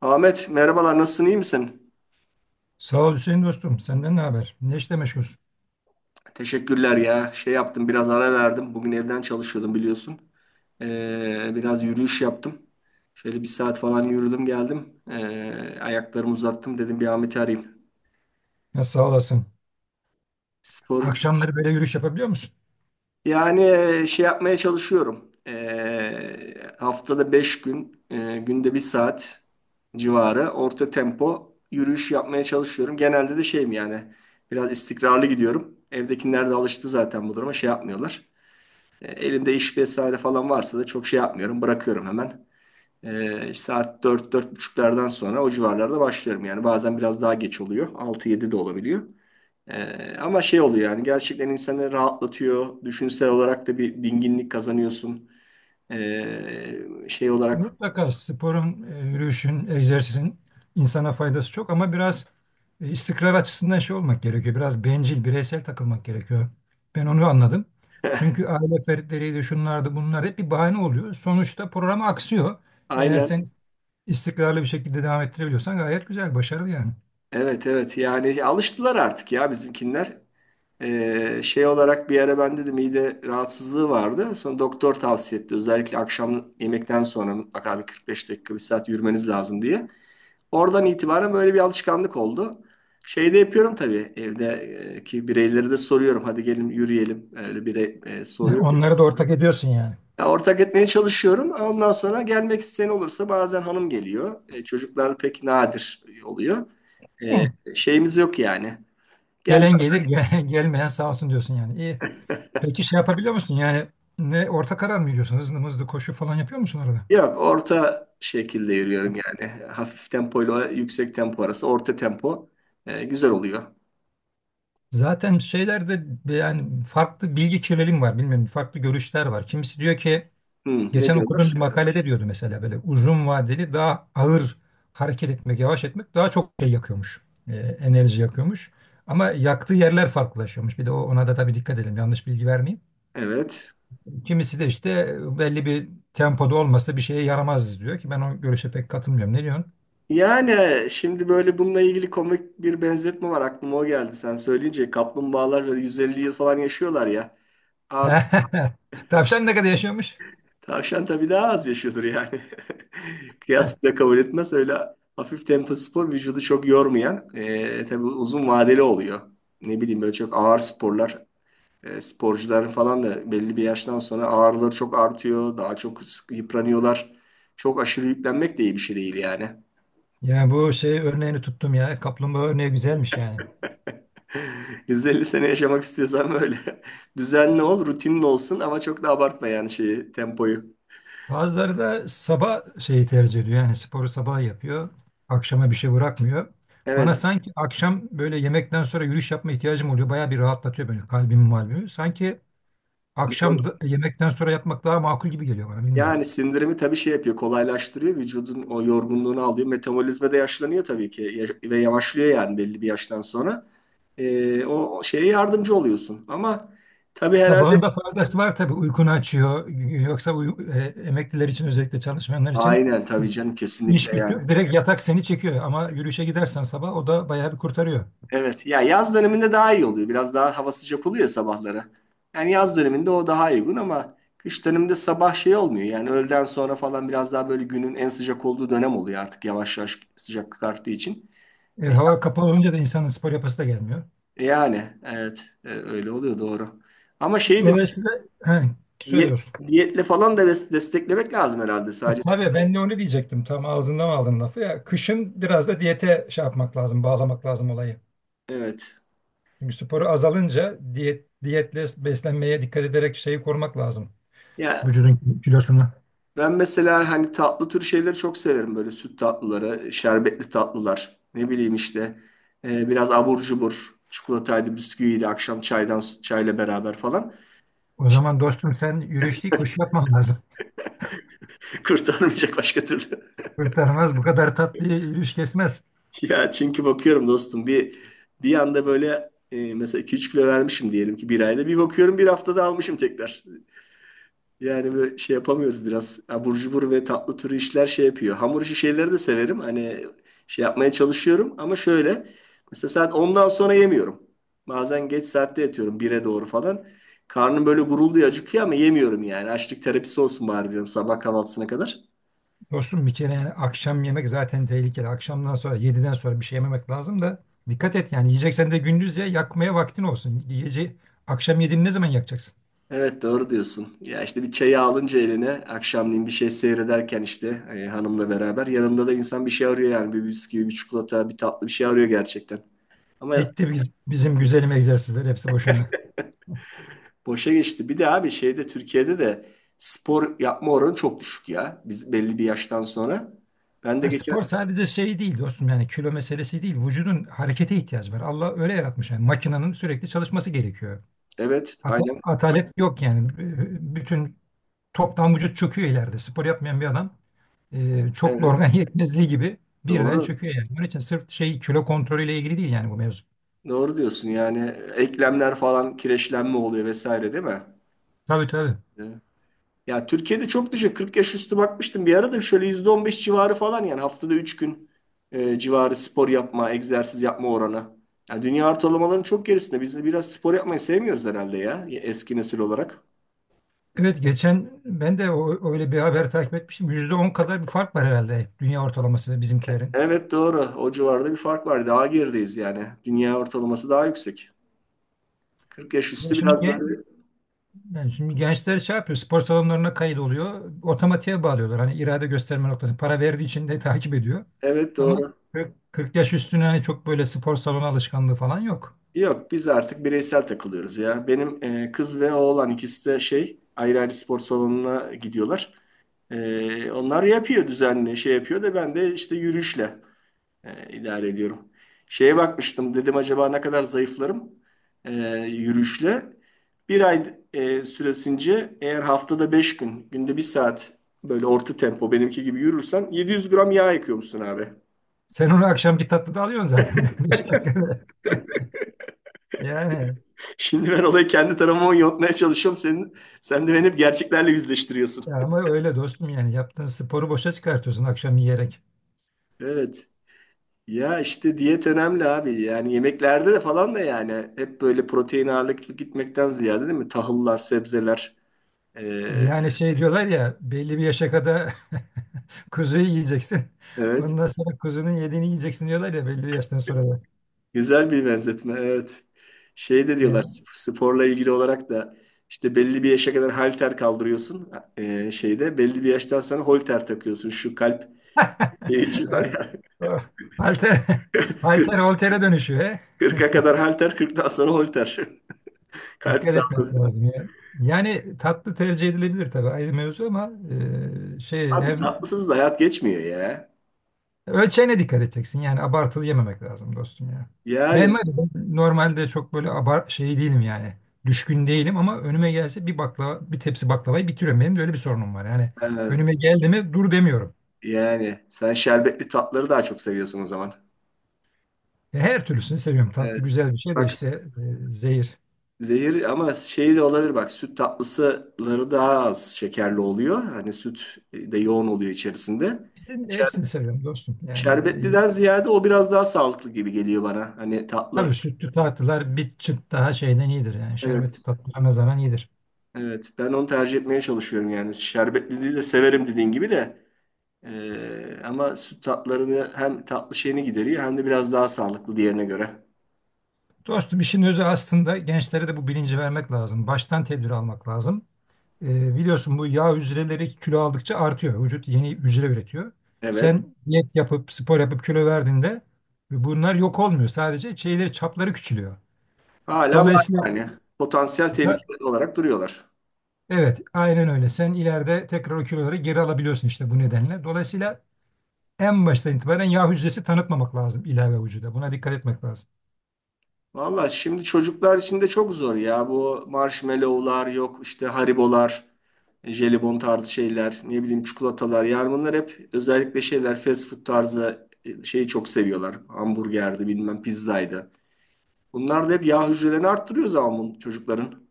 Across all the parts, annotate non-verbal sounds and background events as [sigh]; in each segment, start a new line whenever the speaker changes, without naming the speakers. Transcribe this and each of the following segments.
Ahmet merhabalar, nasılsın, iyi misin?
Sağ ol Hüseyin dostum. Senden ne haber? Ne işle meşgulsün?
Teşekkürler ya, şey yaptım, biraz ara verdim. Bugün evden çalışıyordum, biliyorsun. Biraz yürüyüş yaptım. Şöyle bir saat falan yürüdüm geldim. Ayaklarımı uzattım, dedim bir Ahmet'i arayayım.
Nasıl sağ olasın?
Spor
Akşamları böyle yürüyüş yapabiliyor musun?
yani, şey yapmaya çalışıyorum. Haftada 5 gün, günde bir saat civarı orta tempo yürüyüş yapmaya çalışıyorum. Genelde de şeyim yani, biraz istikrarlı gidiyorum. Evdekiler de alıştı zaten bu duruma, şey yapmıyorlar. Elimde iş vesaire falan varsa da çok şey yapmıyorum. Bırakıyorum hemen. E, işte saat dört, dört buçuklardan sonra o civarlarda başlıyorum. Yani bazen biraz daha geç oluyor, altı yedi de olabiliyor. Ama şey oluyor yani, gerçekten insanı rahatlatıyor. Düşünsel olarak da bir dinginlik kazanıyorsun. E, Şey olarak...
Mutlaka sporun, yürüyüşün, egzersizin insana faydası çok ama biraz istikrar açısından şey olmak gerekiyor. Biraz bencil, bireysel takılmak gerekiyor. Ben onu anladım. Çünkü aile fertleriydi, şunlardı, bunlar hep bir bahane oluyor. Sonuçta program aksıyor. Eğer sen
Aynen.
istikrarlı bir şekilde devam ettirebiliyorsan gayet güzel, başarılı yani.
Evet, evet, yani alıştılar artık ya bizimkinler. Şey olarak bir ara ben de mide rahatsızlığı vardı. Sonra doktor tavsiye etti. Özellikle akşam yemekten sonra mutlaka bir 45 dakika bir saat yürümeniz lazım diye. Oradan itibaren böyle bir alışkanlık oldu. Şeyde yapıyorum tabii, evdeki bireyleri de soruyorum. Hadi gelin yürüyelim. Öyle bir...
Onları da ortak ediyorsun yani.
Ya, ortak etmeye çalışıyorum. Ondan sonra gelmek isteyen olursa bazen hanım geliyor. Çocuklar pek nadir oluyor. E, Şeyimiz yok yani. Gel...
Gelen gelir, [laughs] gelmeyen sağ olsun diyorsun yani. İyi. Peki şey yapabiliyor musun? Yani ne orta karar mı veriyorsun? Hızlı hızlı koşu falan yapıyor musun arada?
Yok, orta şekilde yürüyorum yani. Hafif tempoyla yüksek tempo arası, orta tempo. Güzel oluyor.
Zaten şeylerde yani farklı bilgi kirliliği var. Bilmiyorum farklı görüşler var. Kimisi diyor ki
Hmm, ne
geçen okuduğum
diyorlar?
bir makalede diyordu mesela böyle uzun vadeli daha ağır hareket etmek, yavaş etmek daha çok şey yakıyormuş. Enerji yakıyormuş. Ama yaktığı yerler farklılaşıyormuş. Bir de ona da tabii dikkat edelim. Yanlış bilgi vermeyeyim.
Evet.
Kimisi de işte belli bir tempoda olmasa bir şeye yaramaz diyor ki ben o görüşe pek katılmıyorum. Ne diyorsun?
Yani şimdi böyle bununla ilgili komik bir benzetme var, aklıma o geldi. Sen söyleyince kaplumbağalar böyle 150 yıl falan yaşıyorlar ya. Ar-
[laughs] Tavşan ne kadar yaşıyormuş?
Tavşan tabii daha az yaşıyordur yani. [laughs] Kıyas
[laughs]
bile kabul etmez. Öyle hafif tempo spor, vücudu çok yormayan, tabii uzun vadeli oluyor. Ne bileyim böyle çok ağır sporlar, sporcuların falan da belli bir yaştan sonra ağrıları çok artıyor. Daha çok yıpranıyorlar. Çok aşırı yüklenmek de iyi bir şey değil yani.
Yani bu şey örneğini tuttum ya. Kaplumbağa örneği güzelmiş yani.
[laughs] 150 sene yaşamak istiyorsan böyle [laughs] düzenli ol, rutinli olsun, ama çok da abartma yani şeyi, tempoyu.
Bazıları da sabah şeyi tercih ediyor. Yani sporu sabah yapıyor. Akşama bir şey bırakmıyor. Bana
Evet.
sanki akşam böyle yemekten sonra yürüyüş yapma ihtiyacım oluyor. Bayağı bir rahatlatıyor böyle kalbimi malbimi. Sanki yemekten sonra yapmak daha makul gibi geliyor bana bilmiyorum.
Yani sindirimi tabii şey yapıyor, kolaylaştırıyor. Vücudun o yorgunluğunu alıyor. Metabolizma da yaşlanıyor tabii ki, ve yavaşlıyor yani belli bir yaştan sonra. O şeye yardımcı oluyorsun. Ama tabii herhalde...
Sabahında faydası var tabii uykunu açıyor. Yoksa emekliler için özellikle çalışmayanlar için
Aynen, tabii canım, kesinlikle
iş
yani.
gidiyor. Direkt yatak seni çekiyor ama yürüyüşe gidersen sabah o da bayağı bir kurtarıyor.
Evet ya, yaz döneminde daha iyi oluyor. Biraz daha hava sıcak oluyor ya sabahları. Yani yaz döneminde o daha uygun, ama kış döneminde sabah şey olmuyor. Yani öğleden sonra falan biraz daha böyle günün en sıcak olduğu dönem oluyor artık, yavaş yavaş sıcaklık arttığı için.
Hava kapalı olunca da insanın spor yapası da gelmiyor.
Yani evet, öyle oluyor doğru. Ama şeyi de
Dolayısıyla he,
diyet,
söylüyorsun.
diyetle falan da desteklemek lazım herhalde
Ha,
sadece.
tabii ben de onu diyecektim. Tam ağzından aldın lafı ya. Kışın biraz da diyete şey yapmak lazım, bağlamak lazım olayı.
Evet.
Çünkü sporu azalınca diyetle beslenmeye dikkat ederek şeyi korumak lazım.
Ya
Vücudun kilosunu.
ben mesela hani tatlı tür şeyleri çok severim, böyle süt tatlıları, şerbetli tatlılar. Ne bileyim işte, biraz abur cubur, çikolataydı, bisküviydi, akşam çaydan çayla beraber falan.
O zaman dostum sen yürüyüş değil koşu yapman lazım.
[laughs] Kurtarmayacak başka türlü. [laughs]
Kurtarmaz bu kadar tatlı yürüyüş kesmez.
Ya çünkü bakıyorum dostum, bir anda böyle, mesela 2-3 kilo vermişim diyelim ki bir ayda. Bir bakıyorum bir haftada almışım tekrar. Yani böyle şey yapamıyoruz biraz. Abur cubur ve tatlı türü işler şey yapıyor. Hamur işi şeyleri de severim. Hani şey yapmaya çalışıyorum, ama şöyle. Mesela saat ondan sonra yemiyorum. Bazen geç saatte yatıyorum, bire doğru falan. Karnım böyle gurulduyor, acıkıyor, ama yemiyorum yani. Açlık terapisi olsun bari diyorum, sabah kahvaltısına kadar.
Dostum bir kere yani akşam yemek zaten tehlikeli. Akşamdan sonra yediden sonra bir şey yememek lazım da dikkat et yani yiyeceksen de gündüz ye yakmaya vaktin olsun. Akşam yediğini ne zaman yakacaksın?
Evet, doğru diyorsun. Ya işte bir çayı alınca eline akşamleyin bir şey seyrederken işte, hanımla beraber yanında da insan bir şey arıyor yani, bir bisküvi, bir çikolata, bir tatlı bir şey arıyor gerçekten. Ama...
Gitti bizim güzelim egzersizler hepsi boşuna.
Boşa geçti. Bir de abi şeyde Türkiye'de de spor yapma oranı çok düşük ya. Biz belli bir yaştan sonra. Ben de
Ha,
geçen...
spor sadece şey değil dostum yani kilo meselesi değil. Vücudun harekete ihtiyacı var. Allah öyle yaratmış yani makinenin sürekli çalışması gerekiyor.
Evet, aynen.
Atalet yok yani. Bütün toptan vücut çöküyor ileride. Spor yapmayan bir adam çoklu
Evet,
organ [laughs] yetmezliği gibi birden
doğru.
çöküyor yani. Onun için sırf şey kilo kontrolüyle ilgili değil yani bu mevzu.
Doğru diyorsun yani, eklemler falan kireçlenme oluyor vesaire, değil mi?
Tabii tabii.
Evet. Ya Türkiye'de çok düşük. 40 yaş üstü bakmıştım bir arada, şöyle %15 civarı falan yani, haftada 3 gün, civarı spor yapma, egzersiz yapma oranı. Yani dünya ortalamalarının çok gerisinde. Biz de biraz spor yapmayı sevmiyoruz herhalde ya, eski nesil olarak.
Evet geçen ben de öyle bir haber takip etmiştim. %10 kadar bir fark var herhalde dünya ortalamasıyla bizimkilerin.
Evet, doğru. O civarda bir fark var. Daha gerideyiz yani. Dünya ortalaması daha yüksek. 40 yaş
Ya
üstü
şimdi,
biraz böyle.
yani şimdi gençler şey yapıyor, spor salonlarına kayıt oluyor. Otomatiğe bağlıyorlar. Hani irade gösterme noktası, para verdiği için de [laughs] takip ediyor.
Evet,
Ama
doğru.
40 yaş üstüne hani çok böyle spor salonu alışkanlığı falan yok.
Yok, biz artık bireysel takılıyoruz ya. Benim kız ve oğlan ikisi de şey ayrı ayrı spor salonuna gidiyorlar. Onlar yapıyor düzenli, şey yapıyor da, ben de işte yürüyüşle. İdare ediyorum. Şeye bakmıştım, dedim acaba ne kadar zayıflarım, e, yürüyüşle. Bir ay süresince eğer haftada 5 gün günde bir saat böyle orta tempo benimki gibi yürürsen 700 gram yağ yakıyormuşsun abi.
Sen onu akşamki tatlıda alıyorsun zaten [laughs] 5 dakikada. [laughs] Yani
[laughs] Şimdi ben olayı kendi tarafıma yontmaya çalışıyorum. Sen de beni hep gerçeklerle yüzleştiriyorsun.
ya ama
[laughs]
öyle dostum yani yaptığın sporu boşa çıkartıyorsun akşam yiyerek.
Evet. Ya işte diyet önemli abi. Yani yemeklerde de falan da yani hep böyle protein ağırlıklı gitmekten ziyade, değil mi? Tahıllar, sebzeler. E,
Yani şey diyorlar ya belli bir yaşa kadar [laughs] kuzuyu yiyeceksin.
evet.
Ondan sonra kuzunun yediğini yiyeceksin diyorlar ya belli bir yaştan sonra da.
Güzel bir benzetme, evet. Şey de diyorlar
Yani
sporla ilgili olarak da işte belli bir yaşa kadar halter kaldırıyorsun, şeyde belli bir yaştan sonra holter takıyorsun. Şu kalp,
[laughs]
şu var
evet,
ya
o halter, [laughs]
[laughs] 40,
halter holtere dönüşüyor. He.
40'a
[laughs]
kadar halter 40'tan sonra holter. [laughs] Kalp
Dikkat etmek
sağlığı.
lazım ya. Yani tatlı tercih edilebilir tabii ayrı mevzu ama şey
Abi
hem
tatlısız da hayat geçmiyor ya.
ölçeğine dikkat edeceksin. Yani abartılı yememek lazım dostum ya. Ben
Yani
var ya, ben normalde çok böyle abar şey değilim yani. Düşkün değilim ama önüme gelse bir baklava, bir tepsi baklavayı bitiriyorum. Benim de öyle bir sorunum var. Yani
e,
önüme geldi mi dur demiyorum.
yani sen şerbetli tatları daha çok seviyorsun o zaman.
Her türlüsünü seviyorum. Tatlı
Evet.
güzel bir şey de
Bak...
işte zehir.
Zehir, ama şey de olabilir bak, süt tatlısıları daha az şekerli oluyor. Hani süt, de yoğun oluyor içerisinde. Şer-
Hepsini seviyorum dostum. Yani e,
Şerbetliden ziyade o biraz daha sağlıklı gibi geliyor bana. Hani tatlı...
tabii sütlü tatlılar bir çıt daha şeyden iyidir. Yani
Evet,
şerbetli tatlılar ne zaman iyidir.
evet, ben onu tercih etmeye çalışıyorum yani. Şerbetliliği de severim dediğin gibi de. Ama süt tatlarını hem tatlı şeyini gideriyor hem de biraz daha sağlıklı diğerine göre.
Dostum işin özü aslında gençlere de bu bilinci vermek lazım. Baştan tedbir almak lazım. Biliyorsun bu yağ hücreleri kilo aldıkça artıyor. Vücut yeni hücre üretiyor.
Evet,
Sen diyet yapıp spor yapıp kilo verdiğinde bunlar yok olmuyor. Sadece şeyleri çapları küçülüyor.
hala var
Dolayısıyla
yani, potansiyel tehlike olarak duruyorlar.
evet aynen öyle. Sen ileride tekrar o kiloları geri alabiliyorsun işte bu nedenle. Dolayısıyla en baştan itibaren yağ hücresi tanıtmamak lazım ilave vücuda. Buna dikkat etmek lazım.
Valla şimdi çocuklar için de çok zor ya. Bu marshmallow'lar yok, işte haribolar, jelibon tarzı şeyler, ne bileyim çikolatalar. Yani bunlar hep özellikle şeyler fast food tarzı, şeyi çok seviyorlar. Hamburgerdi bilmem pizzaydı. Bunlar da hep yağ hücrelerini arttırıyor zaman bu çocukların.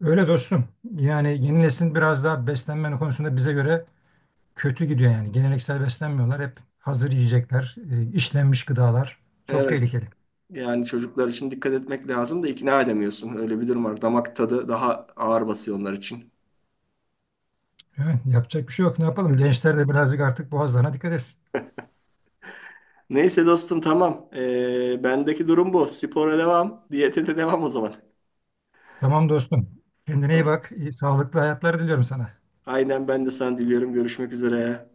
Öyle dostum. Yani yeni neslin biraz daha beslenme konusunda bize göre kötü gidiyor yani. Geleneksel beslenmiyorlar. Hep hazır yiyecekler, işlenmiş gıdalar. Çok
Evet,
tehlikeli.
yani çocuklar için dikkat etmek lazım da ikna edemiyorsun. Öyle bir durum var. Damak tadı daha ağır basıyor onlar için.
Evet, yapacak bir şey yok. Ne yapalım? Gençler de birazcık artık boğazlarına dikkat etsin.
Neyse dostum, tamam. Bendeki durum bu. Spora devam, diyete de devam o zaman.
Tamam dostum. Kendine iyi bak. İyi, sağlıklı hayatlar diliyorum sana.
Aynen, ben de sana diliyorum. Görüşmek üzere.